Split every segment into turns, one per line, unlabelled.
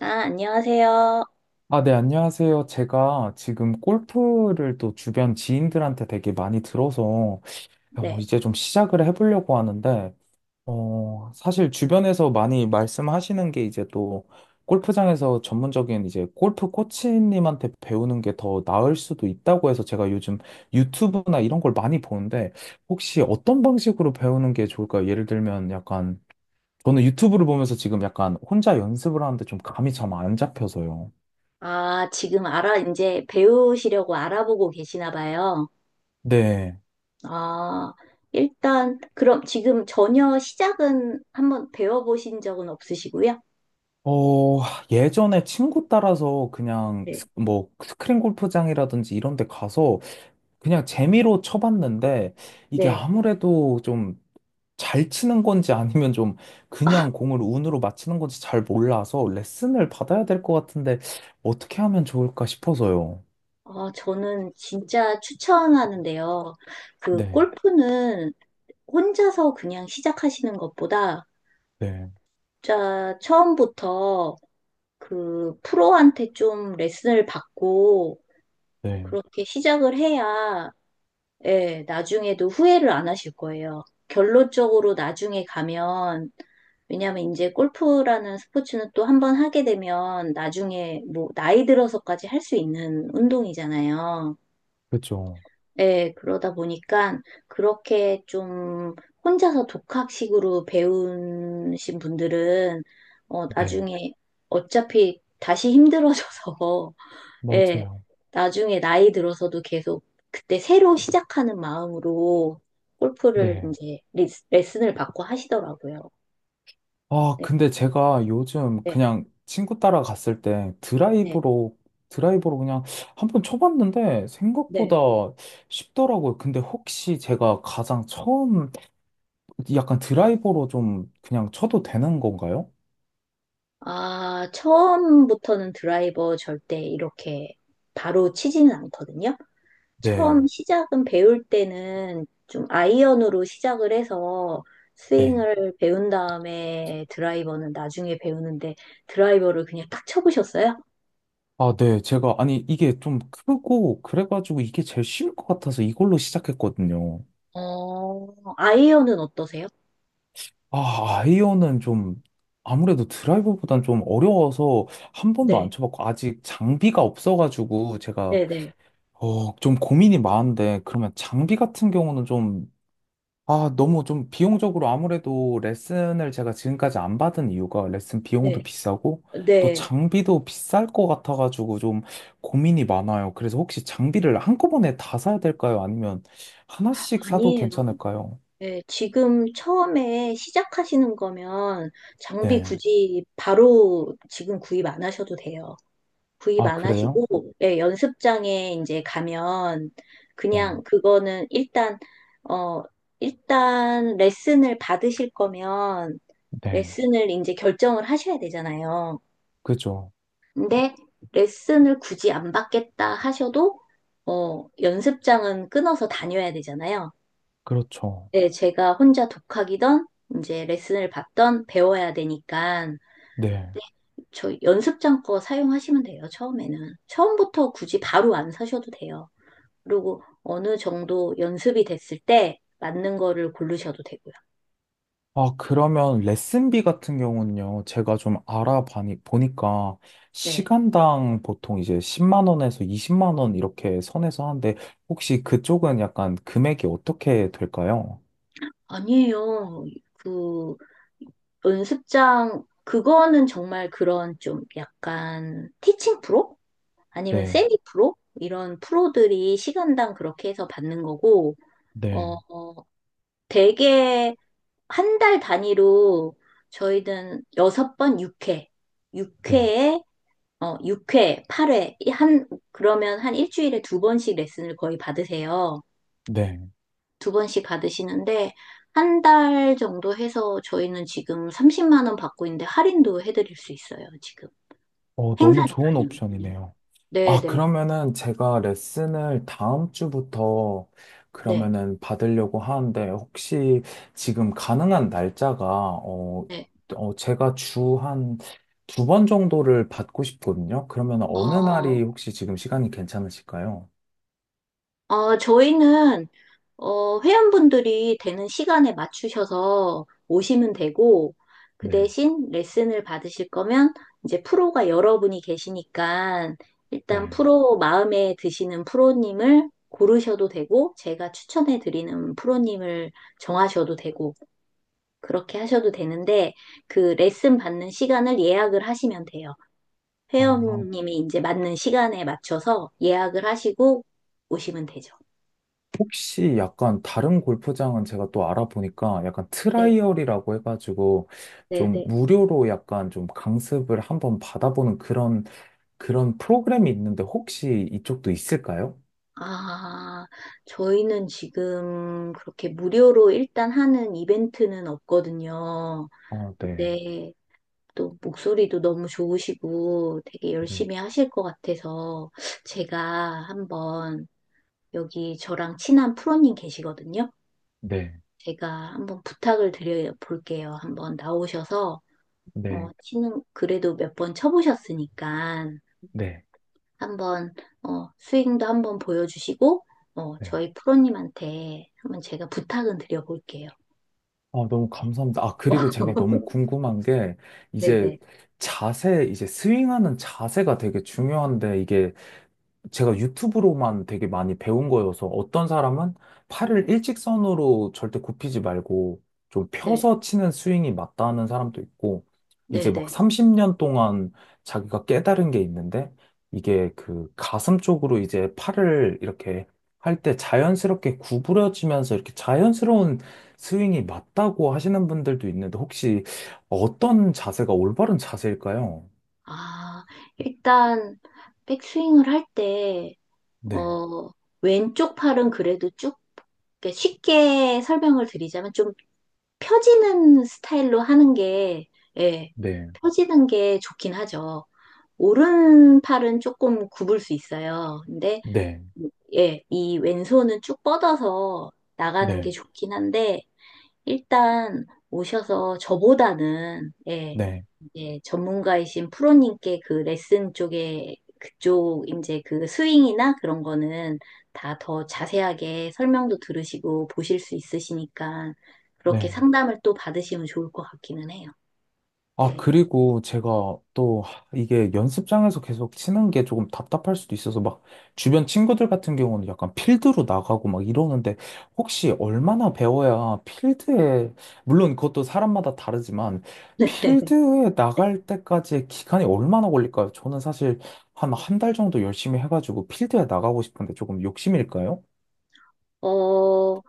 아, 안녕하세요.
아, 네, 안녕하세요. 제가 지금 골프를 또 주변 지인들한테 되게 많이 들어서 야, 뭐
네.
이제 좀 시작을 해보려고 하는데, 어, 사실 주변에서 많이 말씀하시는 게 이제 또 골프장에서 전문적인 이제 골프 코치님한테 배우는 게 더 나을 수도 있다고 해서 제가 요즘 유튜브나 이런 걸 많이 보는데 혹시 어떤 방식으로 배우는 게 좋을까요? 예를 들면 약간 저는 유튜브를 보면서 지금 약간 혼자 연습을 하는데 좀 감이 참 안 잡혀서요.
아, 지금 이제 배우시려고 알아보고 계시나 봐요.
네.
아, 일단, 그럼 지금 전혀 시작은 한번 배워보신 적은 없으시고요?
어, 예전에 친구 따라서 그냥
네.
뭐 스크린 골프장이라든지 이런 데 가서 그냥 재미로 쳐봤는데 이게
네.
아무래도 좀 잘 치는 건지 아니면 좀 그냥 공을 운으로 맞히는 건지 잘 몰라서 레슨을 받아야 될 것 같은데 어떻게 하면 좋을까 싶어서요.
아, 저는 진짜 추천하는데요. 그,
네,
골프는 혼자서 그냥 시작하시는 것보다,
네,
자, 처음부터 그, 프로한테 좀 레슨을 받고,
네.
그렇게 시작을 해야 예, 나중에도 후회를 안 하실 거예요. 결론적으로 나중에 가면, 왜냐면 이제 골프라는 스포츠는 또 한 번 하게 되면 나중에 뭐 나이 들어서까지 할 수 있는 운동이잖아요.
그죠.
예, 그러다 보니까 그렇게 좀 혼자서 독학식으로 배우신 분들은
네,
나중에 어차피 다시 힘들어져서 예,
맞아요.
나중에 나이 들어서도 계속 그때 새로 시작하는 마음으로 골프를
네.
이제 레슨을 받고 하시더라고요.
아,
네,
근데 제가 요즘
네,
그냥 친구 따라 갔을 때
네,
드라이브로 그냥 한 번 쳐봤는데
네.
생각보다 쉽더라고요. 근데 혹시 제가 가장 처음 약간 드라이버로 좀 그냥 쳐도 되는 건가요?
아, 처음부터는 드라이버 절대 이렇게 바로 치지는 않거든요.
네,
처음 시작은 배울 때는 좀 아이언으로 시작을 해서
네.
스윙을 배운 다음에 드라이버는 나중에 배우는데 드라이버를 그냥 딱 쳐보셨어요?
아, 네. 제가, 아니, 이게 좀 크고, 그래가지고 이게 제일 쉬울 것 같아서 이걸로 시작했거든요.
아이언은 어떠세요?
아, 아이언은 좀 아무래도 드라이버보단 좀 어려워서 한 번도 안
네,
쳐봤고 아직 장비가 없어가지고 제가
네, 네,
어, 좀 고민이 많은데 그러면 장비 같은 경우는 좀 아, 너무 좀 비용적으로 아무래도 레슨을 제가 지금까지 안 받은 이유가 레슨
네,
비용도 비싸고 또
네.
장비도 비쌀 것 같아가지고 좀 고민이 많아요. 그래서 혹시 장비를 한꺼번에 다 사야 될까요? 아니면 하나씩 사도
아니에요.
괜찮을까요?
네, 지금 처음에 시작하시는 거면 장비
네.
굳이 바로 지금 구입 안 하셔도 돼요. 구입
아,
안
그래요?
하시고, 예 연습장에 이제 가면
네.
그냥 그거는 어, 일단 레슨을 받으실 거면
네.
레슨을 이제 결정을 하셔야 되잖아요.
그죠.
근데 레슨을 굳이 안 받겠다 하셔도 연습장은 끊어서 다녀야 되잖아요.
그렇죠.
네, 제가 혼자 독학이던 이제 레슨을 받던 배워야 되니까
네.
저 연습장 거 사용하시면 돼요. 처음에는. 처음부터 굳이 바로 안 사셔도 돼요. 그리고 어느 정도 연습이 됐을 때 맞는 거를 고르셔도 되고요.
아, 그러면 레슨비 같은 경우는요, 제가 좀 보니까,
네.
시간당 보통 이제 10만 원에서 20만 원 이렇게 선에서 하는데, 혹시 그쪽은 약간 금액이 어떻게 될까요?
아니에요. 그 연습장 그거는 정말 그런 좀 약간 티칭 프로? 아니면
네,
세미 프로? 이런 프로들이 시간당 그렇게 해서 받는 거고, 어,
네,
어, 되게 한 달 단위로 저희는 6번 6회,
네,
6회에, 6회, 8회, 한, 그러면 한 일주일에 2번씩 레슨을 거의 받으세요.
네.
2번씩 받으시는데, 한 달 정도 해서 저희는 지금 30만 원 받고 있는데 할인도 해드릴 수 있어요, 지금.
어,
행사
너무 좋은
기간이거든요.
옵션이네요.
네네,
아,
네,
그러면은 제가 레슨을 다음 주부터
네.
그러면은 받으려고 하는데 혹시 지금 가능한 날짜가 어,
네.
어 제가 주 한 두 번 정도를 받고 싶거든요. 그러면 어느 날이
어,
혹시 지금 시간이 괜찮으실까요?
저희는, 회원분들이 되는 시간에 맞추셔서 오시면 되고, 그
네,
대신 레슨을 받으실 거면, 이제 프로가 여러분이 계시니까, 일단
네.
프로, 마음에 드시는 프로님을 고르셔도 되고, 제가 추천해 드리는 프로님을 정하셔도 되고, 그렇게 하셔도 되는데, 그 레슨 받는 시간을 예약을 하시면 돼요.
아,
회원님이 이제 맞는 시간에 맞춰서 예약을 하시고 오시면 되죠.
혹시 약간 다른 골프장은 제가 또 알아보니까 약간
네.
트라이얼이라고 해가지고
네,
좀
네.
무료로 약간 좀 강습을 한번 받아보는 그런 프로그램이 있는데 혹시 이쪽도 있을까요?
아, 저희는 지금 그렇게 무료로 일단 하는 이벤트는 없거든요.
아, 네,
근데 또 목소리도 너무 좋으시고 되게
네,
열심히 하실 것 같아서 제가 한번 여기 저랑 친한 프로님 계시거든요.
네,
제가 한번 부탁을 드려 볼게요. 한번 나오셔서 어,
네,
치는 그래도 몇 번 쳐보셨으니까
네,
한번 스윙도 한번 보여주시고
네.
저희 프로님한테 한번 제가 부탁은 드려볼게요.
아, 너무 감사합니다. 아, 그리고 제가 너무 궁금한 게,
네. 네네.
이제 자세, 이제 스윙하는 자세가 되게 중요한데, 이게 제가 유튜브로만 되게 많이 배운 거여서 어떤 사람은 팔을 일직선으로 절대 굽히지 말고 좀 펴서 치는 스윙이 맞다는 사람도 있고 이제
네.
막
네.
30년 동안 자기가 깨달은 게 있는데 이게 그 가슴 쪽으로 이제 팔을 이렇게 할 때 자연스럽게 구부려지면서 이렇게 자연스러운 스윙이 맞다고 하시는 분들도 있는데 혹시 어떤 자세가 올바른 자세일까요?
아, 일단 백스윙을 할 때,
네,
어, 왼쪽 팔은 그래도 쭉 그러니까 쉽게 설명을 드리자면 좀 펴지는 스타일로 하는 게, 예,
네,
펴지는 게 좋긴 하죠. 오른 팔은 조금 굽을 수 있어요. 근데
네,
예, 이 왼손은 쭉 뻗어서 나가는 게
네,
좋긴 한데, 일단 오셔서 저보다는, 예,
네.
이제 전문가이신 프로님께 그 레슨 쪽에, 그쪽, 이제 그 스윙이나 그런 거는 다 더 자세하게 설명도 들으시고 보실 수 있으시니까, 그렇게
네.
상담을 또 받으시면 좋을 것 같기는 해요.
아,
네.
그리고 제가 또 이게 연습장에서 계속 치는 게 조금 답답할 수도 있어서 막 주변 친구들 같은 경우는 약간 필드로 나가고 막 이러는데 혹시 얼마나 배워야 필드에, 물론 그것도 사람마다 다르지만 필드에 나갈 때까지의 기간이 얼마나 걸릴까요? 저는 사실 한 한 달 정도 열심히 해가지고 필드에 나가고 싶은데 조금 욕심일까요?
어,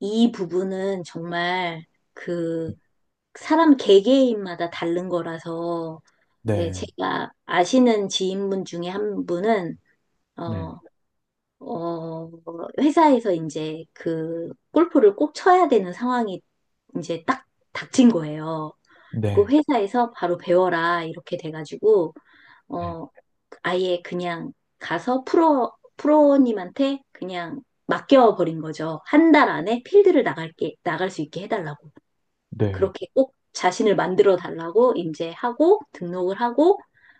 이 부분은 정말 그 사람 개개인마다 다른 거라서, 예,
네,
제가 아시는 지인분 중에 한 분은,
네.
어, 어, 회사에서 이제 그 골프를 꼭 쳐야 되는 상황이 이제 딱 닥친 거예요. 그
네,
회사에서 바로 배워라, 이렇게 돼가지고,
네,
어, 아예 그냥 가서 프로님한테 그냥 맡겨버린 거죠. 한 달 안에 필드를 나갈게, 나갈 수 있게 해달라고.
네.
그렇게 꼭 자신을 만들어 달라고 이제 하고 등록을 하고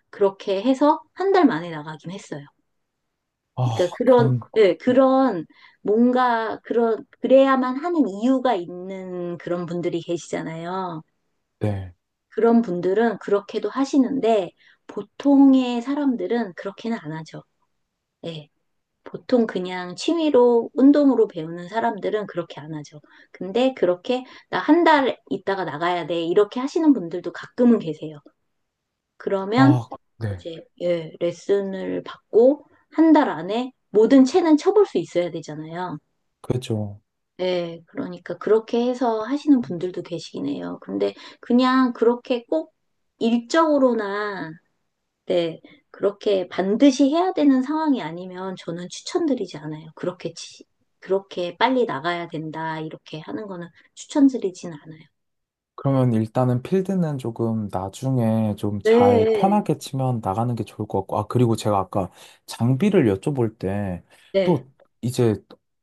그렇게 해서 한 달 만에 나가긴 했어요.
아,
그러니까 그런,
그럼,
그런 뭔가 그런 그래야만 하는 이유가 있는 그런 분들이 계시잖아요.
네.
그런 분들은 그렇게도 하시는데 보통의 사람들은 그렇게는 안 하죠. 예. 보통 그냥 취미로 운동으로 배우는 사람들은 그렇게 안 하죠. 근데 그렇게 나 한 달 있다가 나가야 돼. 이렇게 하시는 분들도 가끔은 계세요. 그러면
아, 네.
이제 예, 레슨을 받고 한 달 안에 모든 채는 쳐볼 수 있어야 되잖아요.
그렇죠.
예, 그러니까 그렇게 해서 하시는 분들도 계시긴 해요. 근데 그냥 그렇게 꼭 일적으로나 네, 그렇게 반드시 해야 되는 상황이 아니면 저는 추천드리지 않아요. 그렇게 빨리 나가야 된다 이렇게 하는 거는 추천드리진 않아요.
그러면 일단은 필드는 조금 나중에 좀 잘
네,
편하게 치면 나가는 게 좋을 것 같고, 아, 그리고 제가 아까 장비를 여쭤볼 때,
네,
또 이제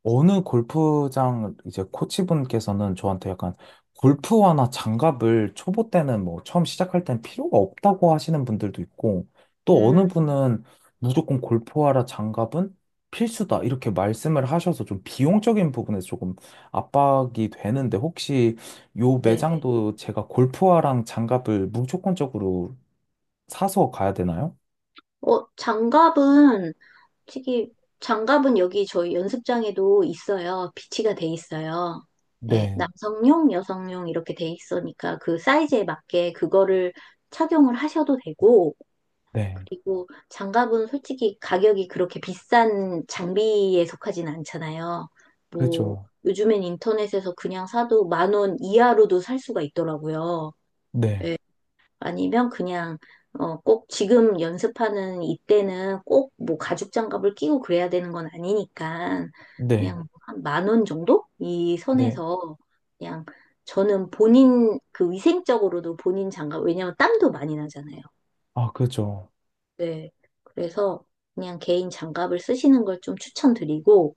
어느 골프장 이제 코치분께서는 저한테 약간 골프화나 장갑을 초보 때는 뭐 처음 시작할 땐 필요가 없다고 하시는 분들도 있고, 또
음,
어느 분은 무조건 골프화라 장갑은 필수다 이렇게 말씀을 하셔서 좀 비용적인 부분에서 조금 압박이 되는데 혹시 요
네, 네.
매장도 제가 골프화랑 장갑을 무조건적으로 사서 가야 되나요?
장갑은 솔직히 장갑은 여기 저희 연습장에도 있어요. 비치가 돼 있어요. 예,
네,
남성용, 여성용 이렇게 돼 있으니까 그 사이즈에 맞게 그거를 착용을 하셔도 되고,
네,
그리고 장갑은 솔직히 가격이 그렇게 비싼 장비에 속하진 않잖아요. 뭐,
그죠.
요즘엔 인터넷에서 그냥 사도 10,000원 이하로도 살 수가 있더라고요.
네,
예. 아니면 그냥 꼭 지금 연습하는 이때는 꼭 뭐 가죽 장갑을 끼고 그래야 되는 건 아니니까
네,
그냥 뭐 한만 원 정도? 이
네.
선에서 그냥 저는 본인 그 위생적으로도 본인 장갑, 왜냐면 땀도 많이 나잖아요.
아, 그죠.
네. 그래서 그냥 개인 장갑을 쓰시는 걸 좀 추천드리고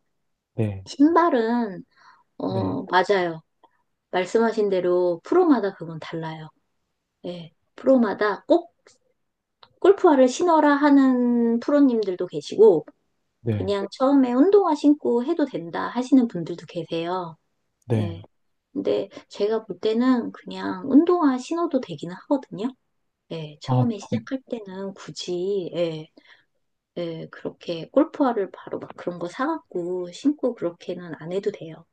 네,
신발은
네,
맞아요. 말씀하신 대로 프로마다 그건 달라요. 예. 프로마다 꼭 골프화를 신어라 하는 프로님들도 계시고,
네,
그냥 처음에 운동화 신고 해도 된다 하시는 분들도 계세요.
네.
예. 근데 제가 볼 때는 그냥 운동화 신어도 되기는 하거든요. 예.
아,
처음에 시작할 때는 굳이, 예, 예, 그렇게 골프화를 바로 막 그런 거 사갖고 신고 그렇게는 안 해도 돼요.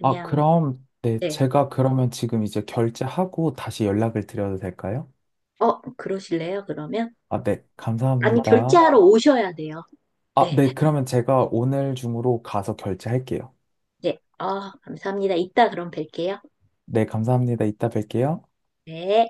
아, 그럼, 네,
네.
제가 그러면 지금 이제 결제하고 다시 연락을 드려도 될까요?
그러실래요? 그러면?
아, 네,
아니,
감사합니다.
결제하러 오셔야 돼요.
아,
네.
네, 그러면 제가 오늘 중으로 가서 결제할게요.
네. 아, 감사합니다. 이따 그럼 뵐게요.
네, 감사합니다. 이따 뵐게요.
네.